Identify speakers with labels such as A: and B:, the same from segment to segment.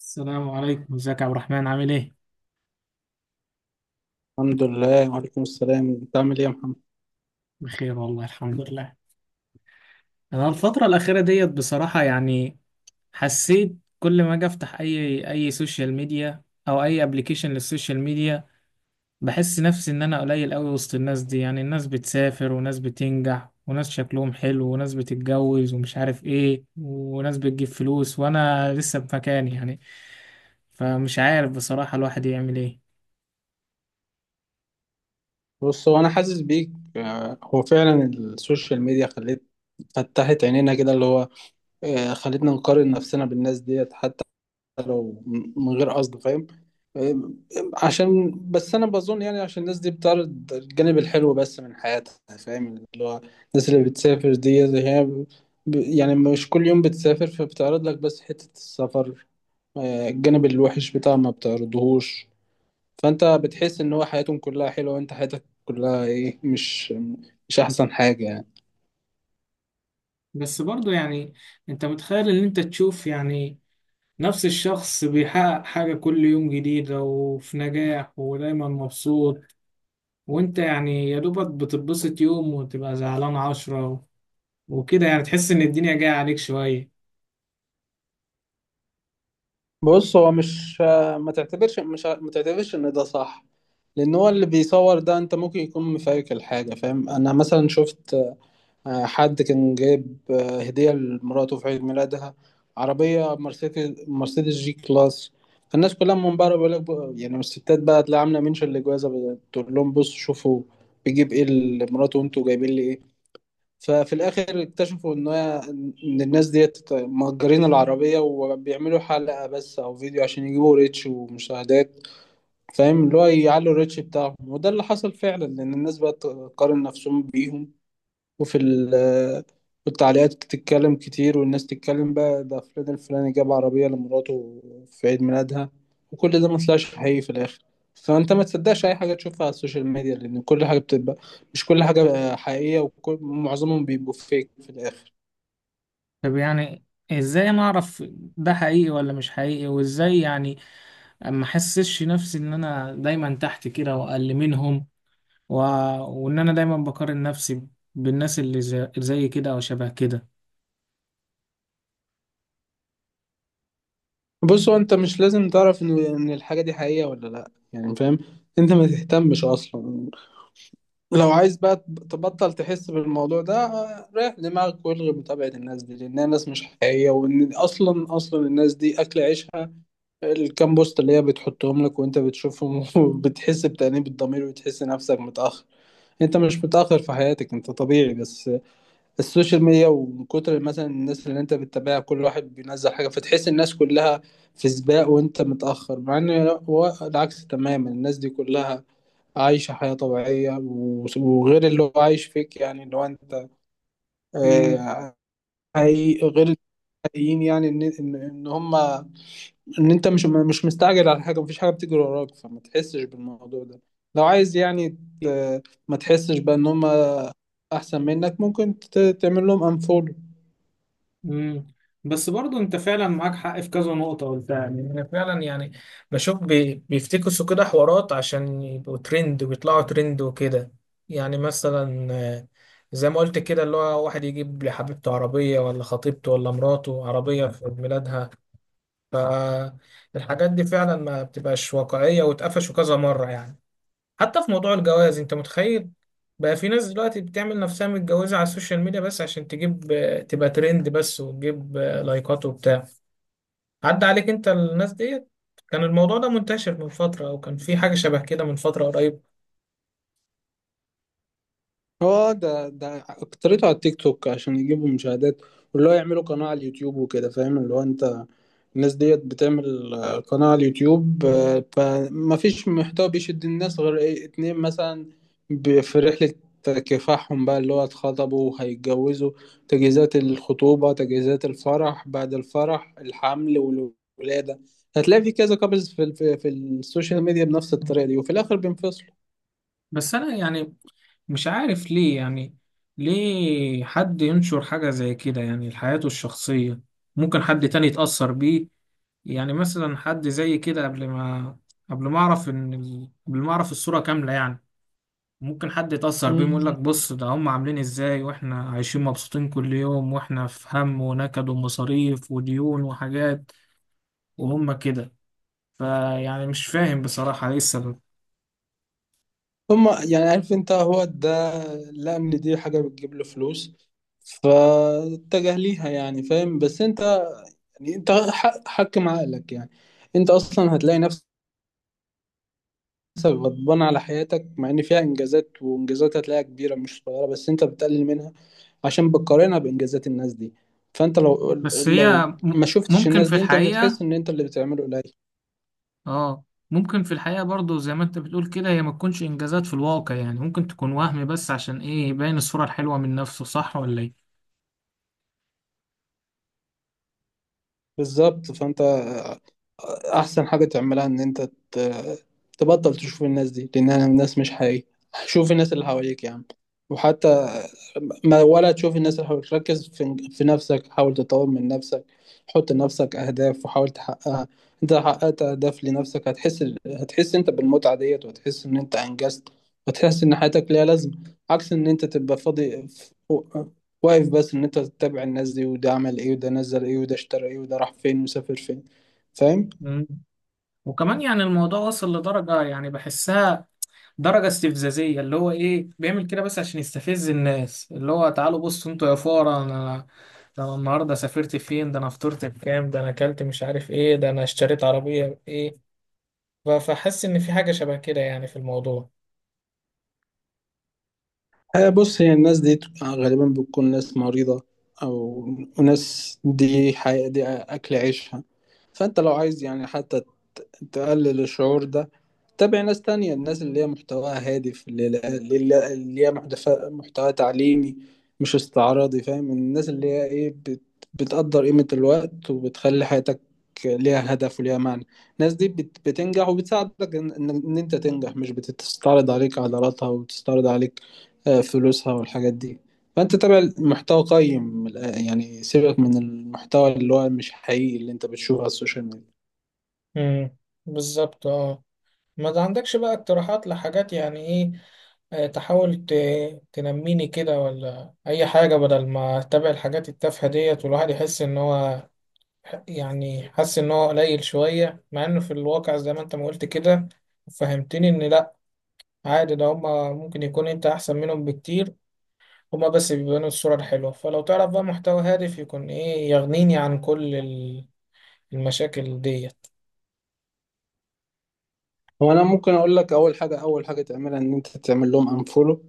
A: السلام عليكم، ازيك يا عبد الرحمن؟ عامل ايه؟
B: الحمد لله، وعليكم السلام. انت عامل ايه يا محمد؟
A: بخير والله، الحمد لله. انا الفترة الأخيرة ديت بصراحة يعني حسيت كل ما اجي افتح اي سوشيال ميديا او اي ابلكيشن للسوشيال ميديا، بحس نفسي ان انا قليل قوي وسط الناس دي. يعني الناس بتسافر وناس بتنجح وناس شكلهم حلو وناس بتتجوز ومش عارف ايه وناس بتجيب فلوس وانا لسه في مكاني يعني. فمش عارف بصراحة الواحد يعمل ايه.
B: بص، هو انا حاسس بيك. هو فعلا السوشيال ميديا فتحت عينينا كده، اللي هو خلتنا نقارن نفسنا بالناس ديت، حتى لو من غير قصد، فاهم؟ آه، عشان بس انا بظن، يعني عشان الناس دي بتعرض الجانب الحلو بس من حياتها، فاهم؟ اللي هو الناس اللي بتسافر دي اللي هي يعني مش كل يوم بتسافر، فبتعرض لك بس حتة السفر. الجانب الوحش بتاعها ما بتعرضهوش. فانت بتحس ان هو حياتهم كلها حلوه، وانت حياتك كلها ايه، مش احسن حاجه يعني.
A: بس برضو يعني انت متخيل ان انت تشوف يعني نفس الشخص بيحقق حاجة كل يوم جديدة وفي نجاح ودايما مبسوط، وانت يعني يا دوبك بتتبسط يوم وتبقى زعلان عشرة وكده، يعني تحس ان الدنيا جاية عليك شوية.
B: بص، هو مش ما تعتبرش ان ده صح، لان هو اللي بيصور ده انت ممكن يكون مفايك الحاجه، فاهم؟ انا مثلا شفت حد كان جايب هديه لمراته في عيد ميلادها، عربيه مرسيدس جي كلاس. فالناس كلها من بره بيقول لك يعني الستات بقى تلاقي عامله منشن لجوازها، بتقول لهم بصوا شوفوا بيجيب ايه لمراته وانتوا جايبين لي ايه. ففي الاخر اكتشفوا ان الناس ديت مأجرين العربية، وبيعملوا حلقة بس او فيديو عشان يجيبوا ريتش ومشاهدات، فاهم؟ اللي هو يعلوا الريتش بتاعهم. وده اللي حصل فعلا، لان الناس بقت تقارن نفسهم بيهم، وفي ال- والتعليقات تتكلم كتير والناس تتكلم بقى، ده فلان الفلاني جاب عربية لمراته في عيد ميلادها، وكل ده ما طلعش حقيقي في الآخر. فأنت ما تصدقش أي حاجة تشوفها على السوشيال ميديا، لأن كل حاجة بتبقى مش كل حاجة حقيقية، ومعظمهم بيبقوا فيك في الآخر.
A: طب يعني ازاي انا اعرف ده حقيقي ولا مش حقيقي؟ وازاي يعني ما احسسش نفسي ان انا دايما تحت كده واقل منهم، و... وان انا دايما بقارن نفسي بالناس اللي زي كده او شبه كده.
B: بص، هو أنت مش لازم تعرف إن الحاجة دي حقيقية ولا لأ يعني، فاهم؟ أنت ما تهتمش أصلا. لو عايز بقى تبطل تحس بالموضوع ده، ريح دماغك والغي متابعة الناس دي، لأنها ناس مش حقيقية، وإن أصلا الناس دي أكل عيشها الكام بوست اللي هي بتحطهم لك، وأنت بتشوفهم وبتحس بتأنيب الضمير وتحس نفسك متأخر. أنت مش متأخر في حياتك، أنت طبيعي، بس السوشيال ميديا ومن كتر مثلا الناس اللي أنت بتتابعها، كل واحد بينزل حاجة، فتحس الناس كلها في سباق وأنت متأخر، مع إن هو العكس تماما. الناس دي كلها عايشة حياة طبيعية وغير اللي هو عايش فيك، يعني اللي هو انت
A: مم.
B: آه، حقيقي غير الحقيقيين، يعني ان ان إن هما، ان انت مش مستعجل على حاجه، مفيش حاجه بتجري وراك، فما تحسش بالموضوع ده. لو عايز يعني ما تحسش بقى ان هم احسن منك، ممكن تعمل لهم انفولو.
A: مم. بس برضو انت فعلا معاك حق في كذا نقطة قلتها. يعني انا فعلا يعني بشوف بيفتكسوا كده حوارات عشان يبقوا ترند ويطلعوا ترند وكده. يعني مثلا، زي ما قلت كده، اللي هو واحد يجيب لحبيبته عربية ولا خطيبته ولا مراته عربية في عيد ميلادها. فالحاجات دي فعلا ما بتبقاش واقعية، واتقفشوا كذا مرة يعني. حتى في موضوع الجواز، انت متخيل بقى في ناس دلوقتي بتعمل نفسها متجوزة على السوشيال ميديا بس عشان تجيب، تبقى ترند بس وتجيب لايكات وبتاع؟ عدى عليك انت الناس ديت؟ كان الموضوع ده منتشر من فترة او كان في حاجة شبه كده من فترة قريب.
B: هو ده اكترته على التيك توك عشان يجيبوا مشاهدات، واللي هو يعملوا قناة على اليوتيوب وكده، فاهم؟ اللي هو انت الناس ديت بتعمل قناة على اليوتيوب، فما فيش محتوى بيشد الناس غير ايه، اتنين مثلا: في رحلة كفاحهم بقى، اللي هو اتخطبوا وهيتجوزوا، تجهيزات الخطوبة، تجهيزات الفرح، بعد الفرح، الحمل والولادة. هتلاقي في كذا كابلز في السوشيال ميديا بنفس الطريقة دي، وفي الآخر بينفصلوا.
A: بس انا يعني مش عارف ليه يعني ليه حد ينشر حاجة زي كده، يعني حياته الشخصية، ممكن حد تاني يتأثر بيه. يعني مثلا حد زي كده قبل ما اعرف ان قبل ما اعرف الصورة كاملة يعني، ممكن حد يتأثر بيهم يقول لك
B: مم.
A: بص ده هم عاملين ازاي واحنا عايشين مبسوطين كل يوم، واحنا في هم ونكد ومصاريف وديون وحاجات، وهم كده. فيعني مش فاهم بصراحة ايه السبب.
B: هم يعني، عارف انت، هو ده لقى ان دي حاجة بتجيب له فلوس فاتجه ليها، يعني فاهم. بس انت يعني انت حكم عقلك يعني. انت اصلا هتلاقي نفسك غضبان على حياتك، مع ان فيها انجازات، وانجازات هتلاقيها كبيرة مش صغيرة، بس انت بتقلل منها عشان بتقارنها بانجازات الناس دي. فانت لو
A: بس
B: لو
A: هي
B: ما شفتش
A: ممكن
B: الناس
A: في
B: دي انت مش
A: الحقيقة،
B: هتحس ان انت اللي بتعمله قليل.
A: اه، ممكن في الحقيقة برضو زي ما انت بتقول كده هي ما تكونش انجازات في الواقع يعني، ممكن تكون وهم بس عشان ايه، يبين الصورة الحلوة من نفسه. صح ولا ايه؟
B: بالظبط. فانت احسن حاجه تعملها ان انت ت- تبطل تشوف الناس دي، لانها الناس مش حقيقيه. شوف الناس اللي حواليك يا عم، وحتى ما ولا تشوف الناس اللي حواليك، ركز في نفسك، حاول تطور من نفسك. حط لنفسك اهداف وحاول تحققها. انت لو حققت اهداف لنفسك هتحس انت بالمتعه ديت، وهتحس ان انت انجزت، وتحس ان حياتك ليها لازمه، عكس ان انت تبقى فاضي واقف بس ان انت تتابع الناس دي، وده عمل ايه، وده نزل ايه، وده اشترى ايه، وده راح فين، وسافر فين، فاهم؟
A: مم. وكمان يعني الموضوع وصل لدرجة يعني بحسها درجة استفزازية، اللي هو ايه بيعمل كده بس عشان يستفز الناس، اللي هو تعالوا بصوا انتوا يا فقرا، انا ده انا النهاردة سافرت فين، ده انا فطرت بكام، ده انا اكلت مش عارف ايه، ده انا اشتريت عربية ايه. فحس ان في حاجة شبه كده يعني في الموضوع.
B: بص، هي الناس دي غالبا بتكون ناس مريضة، أو ناس دي أكل عيشها. فأنت لو عايز يعني حتى تقلل الشعور ده، تابع ناس تانية، الناس اللي هي محتواها هادف، اللي هي محتوى تعليمي مش استعراضي، فاهم؟ الناس اللي هي إيه، بتقدر قيمة الوقت وبتخلي حياتك ليها هدف وليها معنى. الناس دي بتنجح وبتساعدك إن أنت تنجح، مش بتستعرض عليك عضلاتها وتستعرض عليك فلوسها والحاجات دي. فانت تابع المحتوى قيم يعني سيبك من المحتوى اللي هو مش حقيقي اللي انت بتشوفه على السوشيال ميديا.
A: امم، بالظبط، اه. ما ده عندكش بقى اقتراحات لحاجات يعني ايه، تحاول تنميني كده ولا اي حاجة بدل ما اتابع الحاجات التافهة ديت والواحد يحس ان هو، يعني حاسس ان هو قليل شوية، مع انه في الواقع زي ما انت ما قلت كده فهمتني ان لا، عادي، ده هما ممكن يكون انت احسن منهم بكتير. هما بس بيبانوا الصورة الحلوة. فلو تعرف بقى محتوى هادف يكون ايه يغنيني عن كل المشاكل ديت.
B: هو انا ممكن اقول لك، اول حاجه تعملها ان انت تعمل لهم انفولو.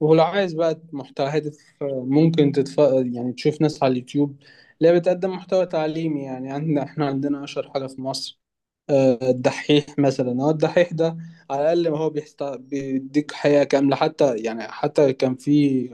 B: ولو عايز بقى محتوى هادف، ممكن تتف يعني تشوف ناس على اليوتيوب اللي هي بتقدم محتوى تعليمي. يعني عندنا اشهر حاجه في مصر الدحيح مثلا. هو الدحيح ده على الأقل ما هو بيديك حقيقة كاملة، حتى يعني حتى كان في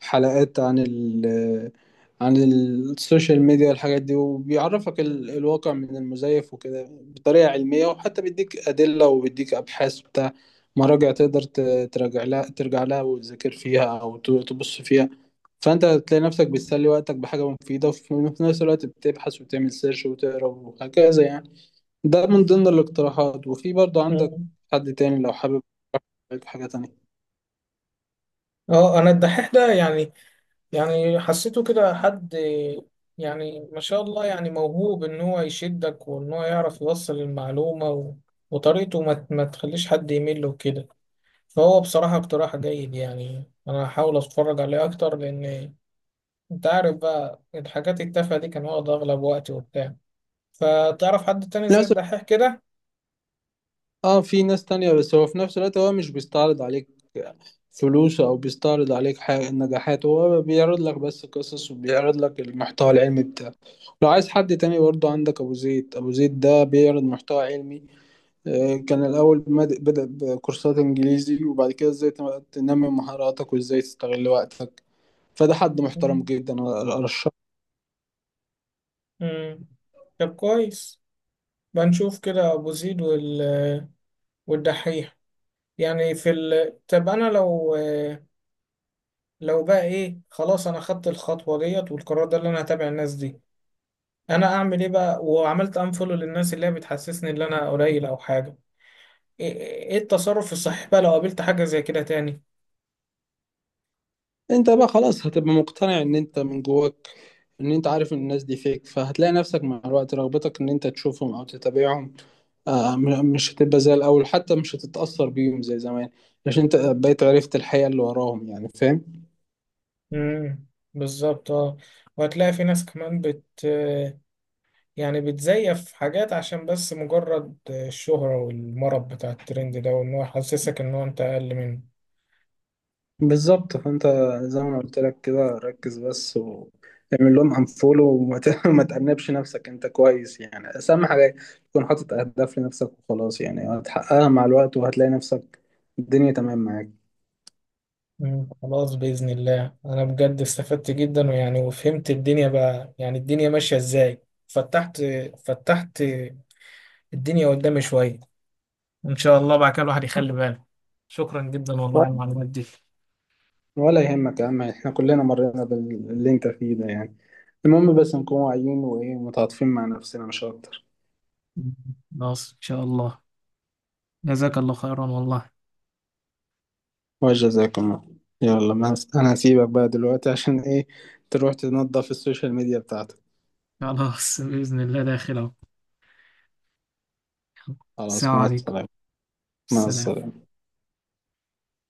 B: حلقات عن السوشيال ميديا والحاجات دي، وبيعرفك الواقع من المزيف وكده، بطريقة علمية، وحتى بيديك أدلة وبيديك أبحاث بتاع مراجع تقدر تراجع لها ترجع لها وتذاكر فيها، أو تبص فيها. فأنت تلاقي نفسك بتسلي وقتك بحاجة مفيدة، وفي نفس الوقت بتبحث وتعمل سيرش وتقرا وهكذا يعني. ده من ضمن الاقتراحات. وفي برضه عندك
A: مم.
B: حد تاني لو حابب عليك حاجة تانية.
A: اه، انا الدحيح ده يعني، يعني حسيته كده حد يعني ما شاء الله، يعني موهوب ان هو يشدك وان هو يعرف يوصل المعلومة، وطريقته ما تخليش حد يمل وكده. فهو بصراحة اقتراح جيد. يعني أنا هحاول أتفرج عليه أكتر، لأن أنت عارف بقى الحاجات التافهة دي كان واخد أغلب وقتي وبتاع. فتعرف حد تاني زي
B: ناس
A: الدحيح كده؟
B: اه في ناس تانية، بس هو في نفس الوقت هو مش بيستعرض عليك فلوس او بيستعرض عليك حاجة النجاحات، هو بيعرض لك بس قصص وبيعرض لك المحتوى العلمي بتاعه. لو عايز حد تاني برضه عندك ابو زيد. ده بيعرض محتوى علمي، كان الاول بدأ بكورسات انجليزي، وبعد كده ازاي تنمي مهاراتك وازاي تستغل وقتك. فده حد محترم جدا أنا أرشحه.
A: امم، طب كويس. بنشوف كده أبو زيد والدحيح. يعني في طب أنا لو بقى إيه، خلاص أنا خدت الخطوة ديت والقرار ده اللي أنا هتابع الناس دي. أنا أعمل إيه بقى وعملت أنفولو للناس اللي هي بتحسسني إن أنا قليل أو حاجة؟ ايه التصرف الصحيح بقى لو قابلت حاجة زي كده تاني؟
B: انت بقى خلاص هتبقى مقتنع ان انت من جواك ان انت عارف ان الناس دي فيك، فهتلاقي نفسك مع الوقت رغبتك ان انت تشوفهم او تتابعهم. مش هتبقى زي الاول، حتى مش هتتأثر بيهم زي زمان، عشان انت بقيت عرفت الحقيقة اللي وراهم، يعني فاهم.
A: امم، بالظبط، اه. وهتلاقي في ناس كمان بت، يعني بتزيف حاجات عشان بس مجرد الشهرة والمرض بتاع الترند ده، وان هو يحسسك ان هو انت اقل منه.
B: بالظبط. فانت زي ما أنا قلت لك كده، ركز بس واعمل لهم انفولو، وما ما تأنبش نفسك، انت كويس يعني. بس اهم حاجة تكون حاطط اهداف لنفسك وخلاص، يعني هتحققها مع الوقت، وهتلاقي نفسك الدنيا تمام معاك.
A: مم. خلاص بإذن الله، انا بجد استفدت جدا، ويعني وفهمت الدنيا بقى يعني الدنيا ماشية ازاي. فتحت فتحت الدنيا قدامي شوية، وان شاء الله بعد كده الواحد يخلي باله. شكرا جدا والله على المعلومات دي.
B: ولا يهمك يا عم، احنا كلنا مرينا باللي انت فيه ده يعني. المهم بس نكون واعيين، وايه، متعاطفين مع نفسنا، مش اكتر.
A: خلاص إن شاء الله. جزاك الله خيرا والله.
B: وجزاكم الله. يلا، ما انا هسيبك بقى دلوقتي عشان ايه، تروح تنظف السوشيال ميديا بتاعتك.
A: خلاص بإذن الله، داخل أهو. السلام
B: خلاص، مع
A: عليكم.
B: السلامة. مع
A: السلام.
B: السلامة.